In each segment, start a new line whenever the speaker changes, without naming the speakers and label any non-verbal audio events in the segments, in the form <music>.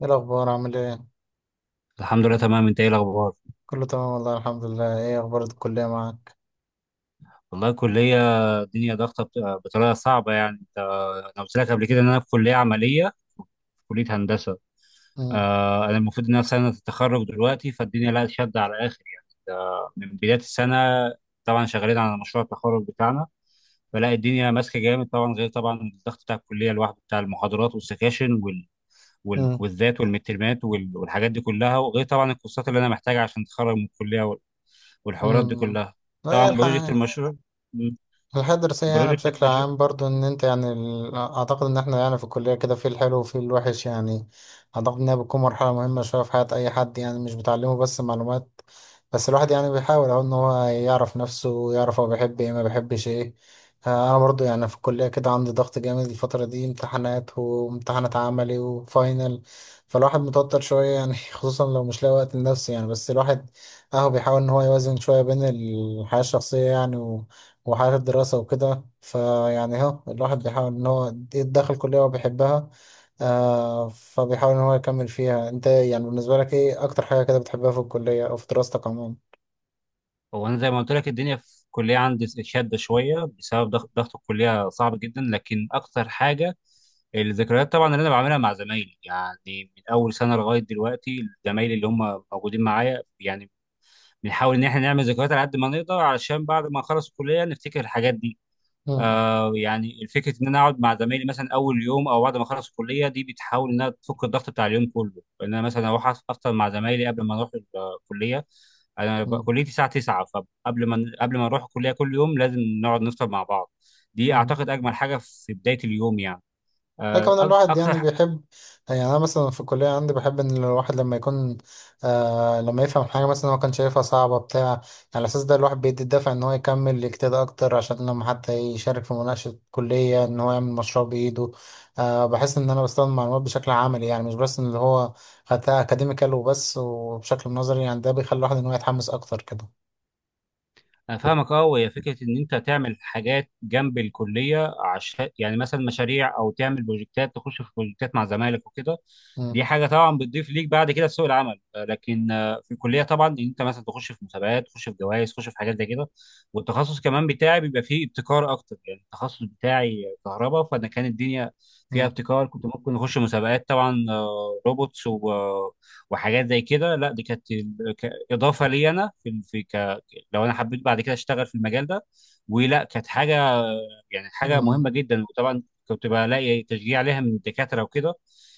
ايه الاخبار؟ عامل ايه؟
الحمد لله تمام. انت ايه الاخبار؟
كله تمام والله، الحمد لله. ايه اخبار الكليه معاك؟
والله الكليه، الدنيا ضغطه بطريقه صعبه يعني. انت انا قلت لك قبل كده ان انا في كليه عمليه، في كليه هندسه.
امم.
انا المفروض ان انا في سنه التخرج دلوقتي، فالدنيا لا شد على الاخر يعني، ده من بدايه السنه. طبعا شغالين على مشروع التخرج بتاعنا، فلا الدنيا ماسكه جامد طبعا، غير طبعا الضغط بتاع الكليه لوحده بتاع المحاضرات والسكاشن
امم.
والكويزات والمترمات والحاجات دي كلها، وغير طبعا الكورسات اللي انا محتاجها عشان اتخرج من الكليه والحوارات دي
امم.
كلها.
لا
طبعا بروجكت
يلحق.
المشروع. مم.
الحياة الدراسية يعني
بروجكت
بشكل
المشروع.
عام برضو ان انت يعني اعتقد ان احنا يعني في الكلية كده، في الحلو وفي الوحش يعني. اعتقد انها بتكون مرحلة مهمة شوية في حياة اي حد، يعني مش بتعلمه بس معلومات. بس الواحد يعني بيحاول اهو ان هو يعرف نفسه، ويعرف هو بيحب ايه ما بيحبش ايه. انا برضو يعني في الكلية كده، عندي ضغط جامد الفترة دي، امتحانات وامتحانات عملي وفاينل. فالواحد متوتر شوية يعني <laughs> خصوصا لو مش لاقي وقت لنفسه يعني، بس الواحد اهو بيحاول ان هو يوازن شوية بين الحياة الشخصية، يعني وحياة الدراسة وكده، فيعني اهو الواحد بيحاول ان هو يتدخل كلية هو بيحبها. فبيحاول ان هو يكمل فيها. انت يعني بالنسبة لك، ايه اكتر حاجة كده بتحبها في الكلية او في دراستك عموما؟
هو انا زي ما قلت لك الدنيا في الكليه عندي شاده شويه بسبب ضغط الكليه صعب جدا، لكن اكتر حاجه الذكريات طبعا اللي انا بعملها مع زمايلي يعني، من اول سنه لغايه دلوقتي زمايلي اللي هم موجودين معايا يعني، بنحاول ان احنا نعمل ذكريات على قد ما نقدر علشان بعد ما نخلص الكليه نفتكر الحاجات دي.
مم.
يعني فكره ان انا اقعد مع زمايلي مثلا اول يوم او بعد ما اخلص الكليه، دي بتحاول انها تفك الضغط بتاع اليوم كله، ان انا مثلا اروح افطر مع زمايلي قبل ما اروح الكليه. انا
مم.
كليتي الساعه 9، فقبل ما نروح الكليه كل يوم لازم نقعد نفطر مع بعض. دي
مم.
اعتقد اجمل حاجه في بدايه اليوم يعني.
لا، كمان الواحد
اكتر.
يعني بيحب، يعني انا مثلا في الكليه عندي، بحب ان الواحد لما يكون لما يفهم حاجه، مثلا هو كان شايفها صعبه بتاع يعني. على اساس ده، الواحد بيدي الدافع ان هو يكمل، يجتهد اكتر، عشان لما حتى يشارك في مناقشه كليه، ان هو يعمل مشروع بايده. بحس ان انا بستخدم المعلومات بشكل عملي، يعني مش بس ان اللي هو خدتها اكاديميكال وبس، وبشكل نظري. يعني ده بيخلي الواحد ان هو يتحمس اكتر كده.
انا فاهمك اه. وهي فكره ان انت تعمل حاجات جنب الكليه عشان يعني مثلا مشاريع، او تعمل بروجكتات، تخش في بروجكتات مع زمايلك وكده،
مم.
دي حاجه طبعا بتضيف ليك بعد كده في سوق العمل. لكن في الكليه طبعا ان انت مثلا تخش في مسابقات، تخش في جوائز، تخش في حاجات زي كده. والتخصص كمان بتاعي بيبقى فيه ابتكار اكتر يعني، التخصص بتاعي كهرباء، فانا كان الدنيا فيها
مم.
ابتكار كنت ممكن اخش مسابقات طبعا، روبوتس وحاجات زي كده. لا دي كانت اضافه لي انا في، لو انا حبيت بعد كده اشتغل في المجال ده. ولا كانت حاجه، يعني حاجه مهمه
مم.
جدا. وطبعا كنت بلاقي تشجيع عليها من الدكاتره وكده.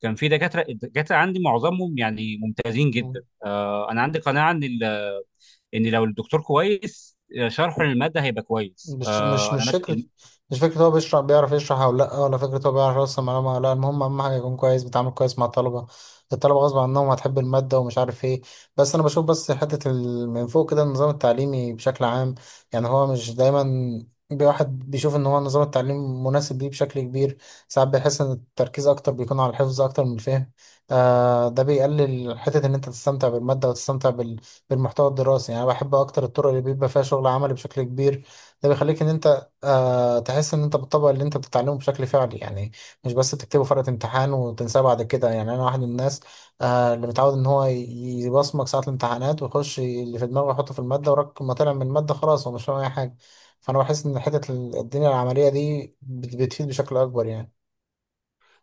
كان في دكاتره، الدكاتره عندي معظمهم يعني ممتازين
مم.
جدا. انا عندي قناعه ان ان لو الدكتور كويس، شرحه للماده هيبقى كويس.
مش مش
انا
مش
مثلا
فكرة. مش فكرة هو بيشرح بيعرف يشرح أو لأ، ولا فكرة هو بيعرف يوصل معلومة ولا لأ. المهم أهم حاجة يكون كويس، بيتعامل كويس مع الطلبة. الطلبة غصب عنهم هتحب المادة، ومش عارف إيه. بس أنا بشوف بس، حتة من فوق كده النظام التعليمي بشكل عام. يعني هو مش دايما واحد بيشوف إن هو نظام التعليم مناسب ليه بشكل كبير. ساعات بيحس إن التركيز أكتر بيكون على الحفظ أكتر من الفهم. ده بيقلل حتة إن أنت تستمتع بالمادة، وتستمتع بالمحتوى الدراسي. يعني أنا بحب أكتر الطرق اللي بيبقى فيها شغل عملي بشكل كبير. ده بيخليك ان انت تحس ان انت بتطبق اللي انت بتتعلمه بشكل فعلي يعني. مش بس بتكتبه فرقة امتحان وتنساه بعد كده. يعني انا واحد من الناس اللي متعود ان هو يبصمج ساعة الامتحانات، ويخش اللي في دماغه يحطه في المادة. وراك ما طلع من المادة خلاص هو مش فاهم اي حاجة. فانا بحس ان حتة الدنيا العملية دي بتفيد بشكل اكبر يعني.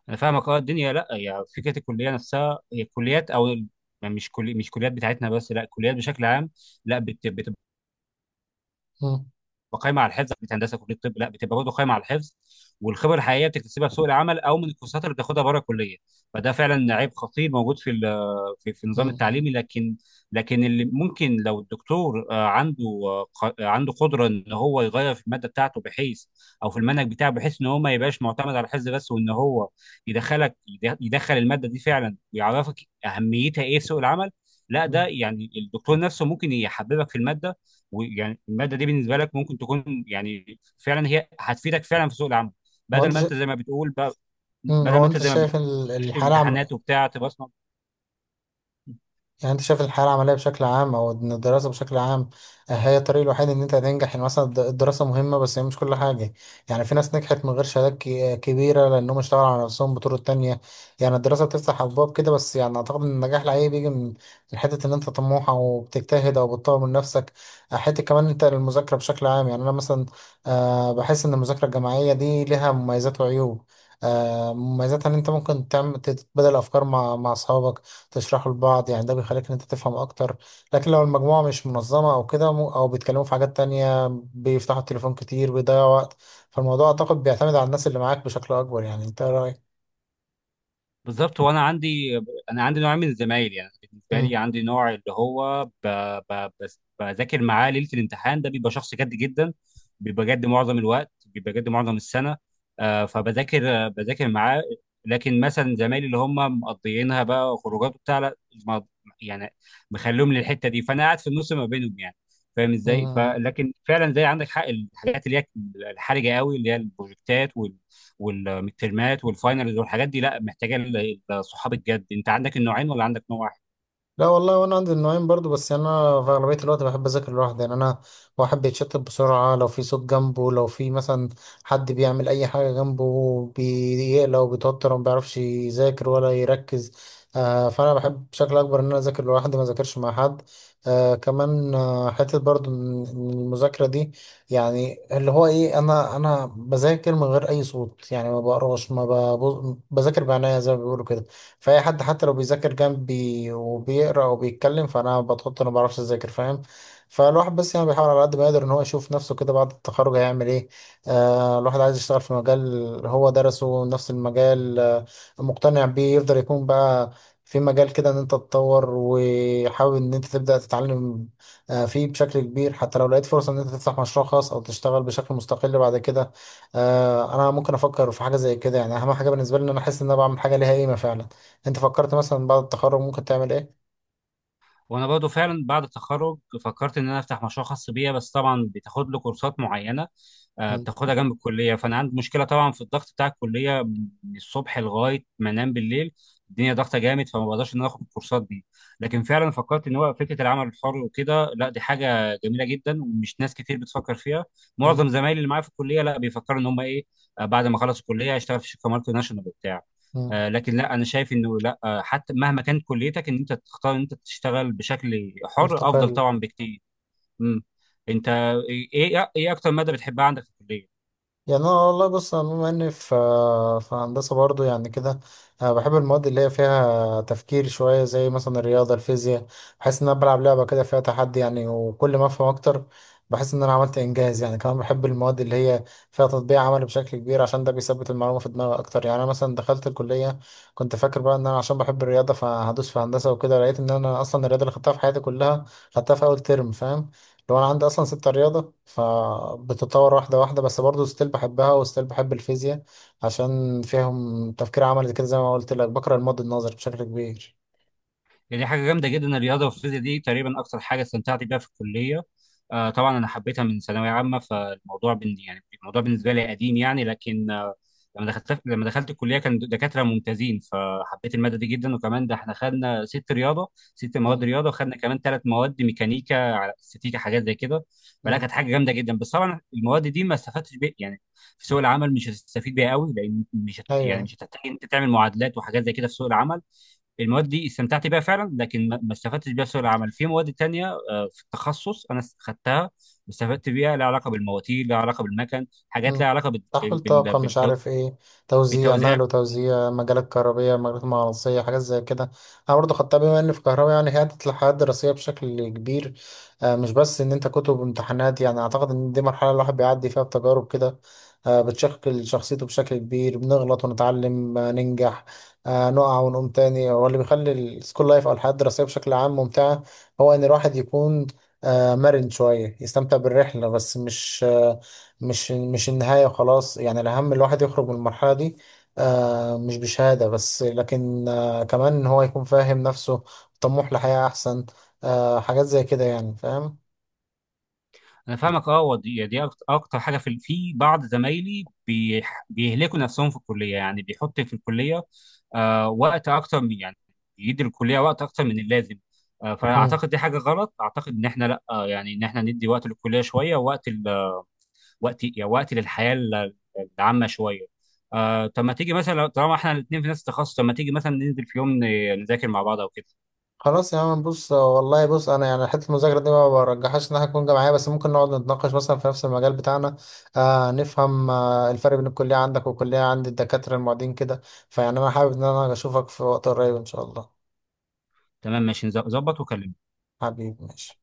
انا فاهمك اه. الدنيا لا يعني فكره الكليه نفسها، هي الكليات يعني مش كليات بتاعتنا بس، لا الكليات بشكل عام لا بتبقى
مم.
قايمه على الحفظ. مش هندسه، كليه طب لا بتبقى برضه قايمه على الحفظ. والخبره الحقيقيه بتكتسبها في سوق العمل او من الكورسات اللي بتاخدها بره الكليه. فده فعلا عيب خطير موجود في النظام
مم.
التعليمي. لكن لكن اللي ممكن لو الدكتور عنده عنده قدره ان هو يغير في الماده بتاعته، بحيث او في المنهج بتاعه، بحيث ان هو ما يبقاش معتمد على الحفظ بس، وان هو يدخلك، يدخل الماده دي فعلا، ويعرفك اهميتها ايه في سوق العمل. لا
مم.
ده يعني الدكتور نفسه ممكن يحببك في الماده، ويعني الماده دي بالنسبه لك ممكن تكون يعني فعلا هي هتفيدك فعلا في سوق العمل،
هو
بدل
انت
ما
شا...
انت زي ما بتقول ب-
مم.
بدل
هو
ما انت
انت
زي ما
شايف
بتقول تخش
الحالة،
الامتحانات وبتاع تبقى.
يعني انت شايف الحياة العملية بشكل عام، او ان الدراسة بشكل عام، آه، هي الطريق الوحيد ان انت هتنجح، يعني مثلا الدراسة مهمة، بس هي مش كل حاجة. يعني في ناس نجحت من غير شهادات كبيرة، لانهم اشتغلوا على نفسهم بطرق تانية. يعني الدراسة بتفتح ابواب كده، بس يعني اعتقد ان النجاح لأي بيجي من من حتة ان انت طموح، او بتجتهد، او بتطور من نفسك. حتة كمان انت المذاكرة بشكل عام، يعني انا مثلا بحس ان المذاكرة الجماعية دي ليها مميزات وعيوب. مميزاتها ان انت ممكن تعمل تتبادل افكار مع اصحابك، تشرحه لبعض. يعني ده بيخليك ان انت تفهم اكتر. لكن لو المجموعة مش منظمة او كده، او بيتكلموا في حاجات تانية، بيفتحوا التليفون كتير، بيضيعوا وقت. فالموضوع اعتقد بيعتمد على الناس اللي معاك بشكل اكبر. يعني انت إيه رأيك؟
بالظبط. وانا عندي انا عندي نوع من الزمايل يعني، بالنسبه
مم.
لي عندي نوع اللي هو بس بذاكر معاه ليله الامتحان، ده بيبقى شخص جد جدا، بيبقى جد معظم الوقت، بيبقى جد معظم السنه. فبذاكر، بذاكر معاه. لكن مثلا زمايلي اللي هم مقضيينها بقى خروجات وبتاع، لا ما- يعني مخليهم للحته دي، فانا قاعد في النص ما بينهم يعني، فاهم ازاي.
مم.
فلكن فعلا زي عندك حق، الحاجات اللي هي الحرجه قوي اللي هي البروجكتات والترمات والفاينلز والحاجات دي لا، محتاجه الصحاب الجد. انت عندك النوعين ولا عندك نوع واحد؟
لا والله، وانا عندي النوعين برضو، بس يعني انا في اغلبيه الوقت بحب اذاكر لوحدي. يعني انا واحد بيتشتت بسرعه، لو في صوت جنبه، لو في مثلا حد بيعمل اي حاجه جنبه، بيقلق وبيتوتر، وما بيعرفش يذاكر ولا يركز. فانا بحب بشكل اكبر ان انا اذاكر لوحدي، ما اذاكرش مع حد. كمان حته برضو من المذاكره دي، يعني اللي هو ايه، انا بذاكر من غير اي صوت، يعني ما بقراش، ما ببص- بذاكر بعناية زي ما بيقولوا كده. فأي حد حتى لو بيذاكر جنبي وبيقرأ وبيتكلم، فأنا بتحط، أنا ما بعرفش أذاكر، فاهم؟ فالواحد بس يعني بيحاول على قد ما يقدر إن هو يشوف نفسه كده، بعد التخرج هيعمل إيه. الواحد عايز يشتغل في مجال هو درسه نفس المجال، مقتنع بيه، يفضل يكون بقى في مجال كده، إن أنت تتطور، وحابب إن أنت تبدأ تتعلم فيه بشكل كبير. حتى لو لقيت فرصة إن أنت تفتح مشروع خاص أو تشتغل بشكل مستقل بعد كده، أنا ممكن أفكر في حاجة زي كده. يعني أهم حاجة بالنسبة لي إن أنا أحس إن أنا بعمل حاجة ليها قيمة فعلا. انت فكرت مثلا بعد التخرج ممكن تعمل ايه؟
وانا برضو فعلا بعد التخرج فكرت ان انا افتح مشروع خاص بيا، بس طبعا بتاخد له كورسات معينه،
مم.
بتاخدها جنب الكليه. فانا عندي مشكله طبعا في الضغط بتاع الكليه من الصبح لغايه ما انام بالليل، الدنيا ضغطه جامد، فما بقدرش ان انا اخد الكورسات دي. لكن فعلا فكرت ان هو فكره العمل الحر وكده، لا دي حاجه جميله جدا ومش ناس كتير بتفكر فيها. معظم
مم.
زمايلي اللي معايا في الكليه لا بيفكروا ان هم ايه، بعد ما خلصوا الكليه هيشتغل في شركه مالتي ناشونال وبتاع.
مم.
لكن لا انا شايف انه لا، حتى مهما كانت كليتك، ان انت تختار ان انت تشتغل بشكل حر افضل
مستقل.
طبعا بكتير. امم. انت ايه اكتر ماده بتحبها عندك في الكليه؟
يعني انا والله، بص انا بما اني في في هندسه برضو يعني كده، أنا بحب المواد اللي هي فيها تفكير شويه، زي مثلا الرياضه، الفيزياء. بحس ان انا بلعب لعبه كده فيها تحدي، يعني وكل ما افهم اكتر بحس ان انا عملت انجاز. يعني كمان بحب المواد اللي هي فيها تطبيق عملي بشكل كبير، عشان ده بيثبت المعلومه في دماغي اكتر. يعني انا مثلا دخلت الكليه، كنت فاكر بقى ان انا عشان بحب الرياضه فهدوس في هندسه وكده، لقيت ان انا اصلا الرياضه اللي خدتها في حياتي كلها خدتها في اول ترم، فاهم؟ لو انا عندي اصلا ستة رياضة فبتتطور واحدة واحدة، بس برضه ستيل بحبها وستيل بحب الفيزياء، عشان فيهم تفكير عملي كده زي ما قلت لك، بقرا الماضي النظري بشكل كبير.
يعني دي حاجه جامده جدا، الرياضه والفيزياء دي تقريبا اكتر حاجه استمتعت بيها في الكليه. طبعا انا حبيتها من ثانويه عامه، فالموضوع بن يعني الموضوع بالنسبه لي قديم يعني. لكن لما دخلت الكليه كان دكاتره ممتازين، فحبيت الماده دي جدا. وكمان ده احنا خدنا ست رياضه، ست مواد
مم.
رياضه، وخدنا كمان ثلاث مواد ميكانيكا على استاتيكا حاجات زي كده. فلا
مم.
كانت حاجه جامده جدا. بس طبعا المواد دي ما استفدتش بيها يعني في سوق العمل، مش هتستفيد بيها قوي، لان مش هت... يعني
ايوه.
مش هتحتاج انت تعمل معادلات وحاجات زي كده في سوق العمل. المواد دي استمتعت بيها فعلا، لكن ما استفدتش بيها في سوق العمل. في مواد تانية في التخصص انا خدتها واستفدت بيها، لها علاقه بالمواتير، لها علاقه بالمكن، حاجات لها
مم.
علاقه
تحويل طاقة مش عارف ايه، توزيع، نقل
بالتوزيع.
وتوزيع، مجالات كهربية، مجالات مغناطيسية، حاجات زي كده. أنا برضه خدتها بما إن في كهرباء. يعني هي عدت الحياة الدراسية بشكل كبير، مش بس إن أنت كتب وامتحانات. يعني أعتقد إن دي مرحلة الواحد بيعدي فيها بتجارب كده، بتشكل شخصيته بشكل كبير، بنغلط ونتعلم، ننجح، نقع ونقوم تاني. هو اللي بيخلي السكول لايف أو الحياة الدراسية بشكل عام ممتعة، هو إن الواحد يكون مرن شوية، يستمتع بالرحلة، بس مش مش النهاية خلاص. يعني الأهم الواحد يخرج من المرحلة دي، مش بشهادة بس، لكن كمان إن هو يكون فاهم نفسه، طموح لحياة أحسن، حاجات زي كده، يعني فاهم؟
انا فاهمك اه. ودي دي دي أكت- اكتر حاجه في في بعض زمايلي بيهلكوا نفسهم في الكليه يعني، بيحط في الكليه وقت اكتر من يعني، بيدي الكليه وقت اكتر من اللازم.
مم.
فاعتقد دي حاجه غلط. اعتقد ان احنا لا يعني ان احنا ندي وقت للكليه شويه، وقت يعني وقت العامه شويه. طب ما تيجي مثلا طالما احنا الاثنين في نفس التخصص، طب ما تيجي مثلا ننزل في يوم نذاكر مع بعض او كده؟
خلاص يا عم، بص والله بص، أنا يعني حتة المذاكرة دي ما برجحهاش إنها تكون جامعية، بس ممكن نقعد نتناقش مثلا في نفس المجال بتاعنا، نفهم الفرق بين الكلية عندك والكلية عند الدكاترة المعيدين كده. فيعني أنا حابب إن أنا أشوفك في وقت قريب إن شاء الله.
تمام ماشي، نظبط وكلمني.
حبيبي، ماشي.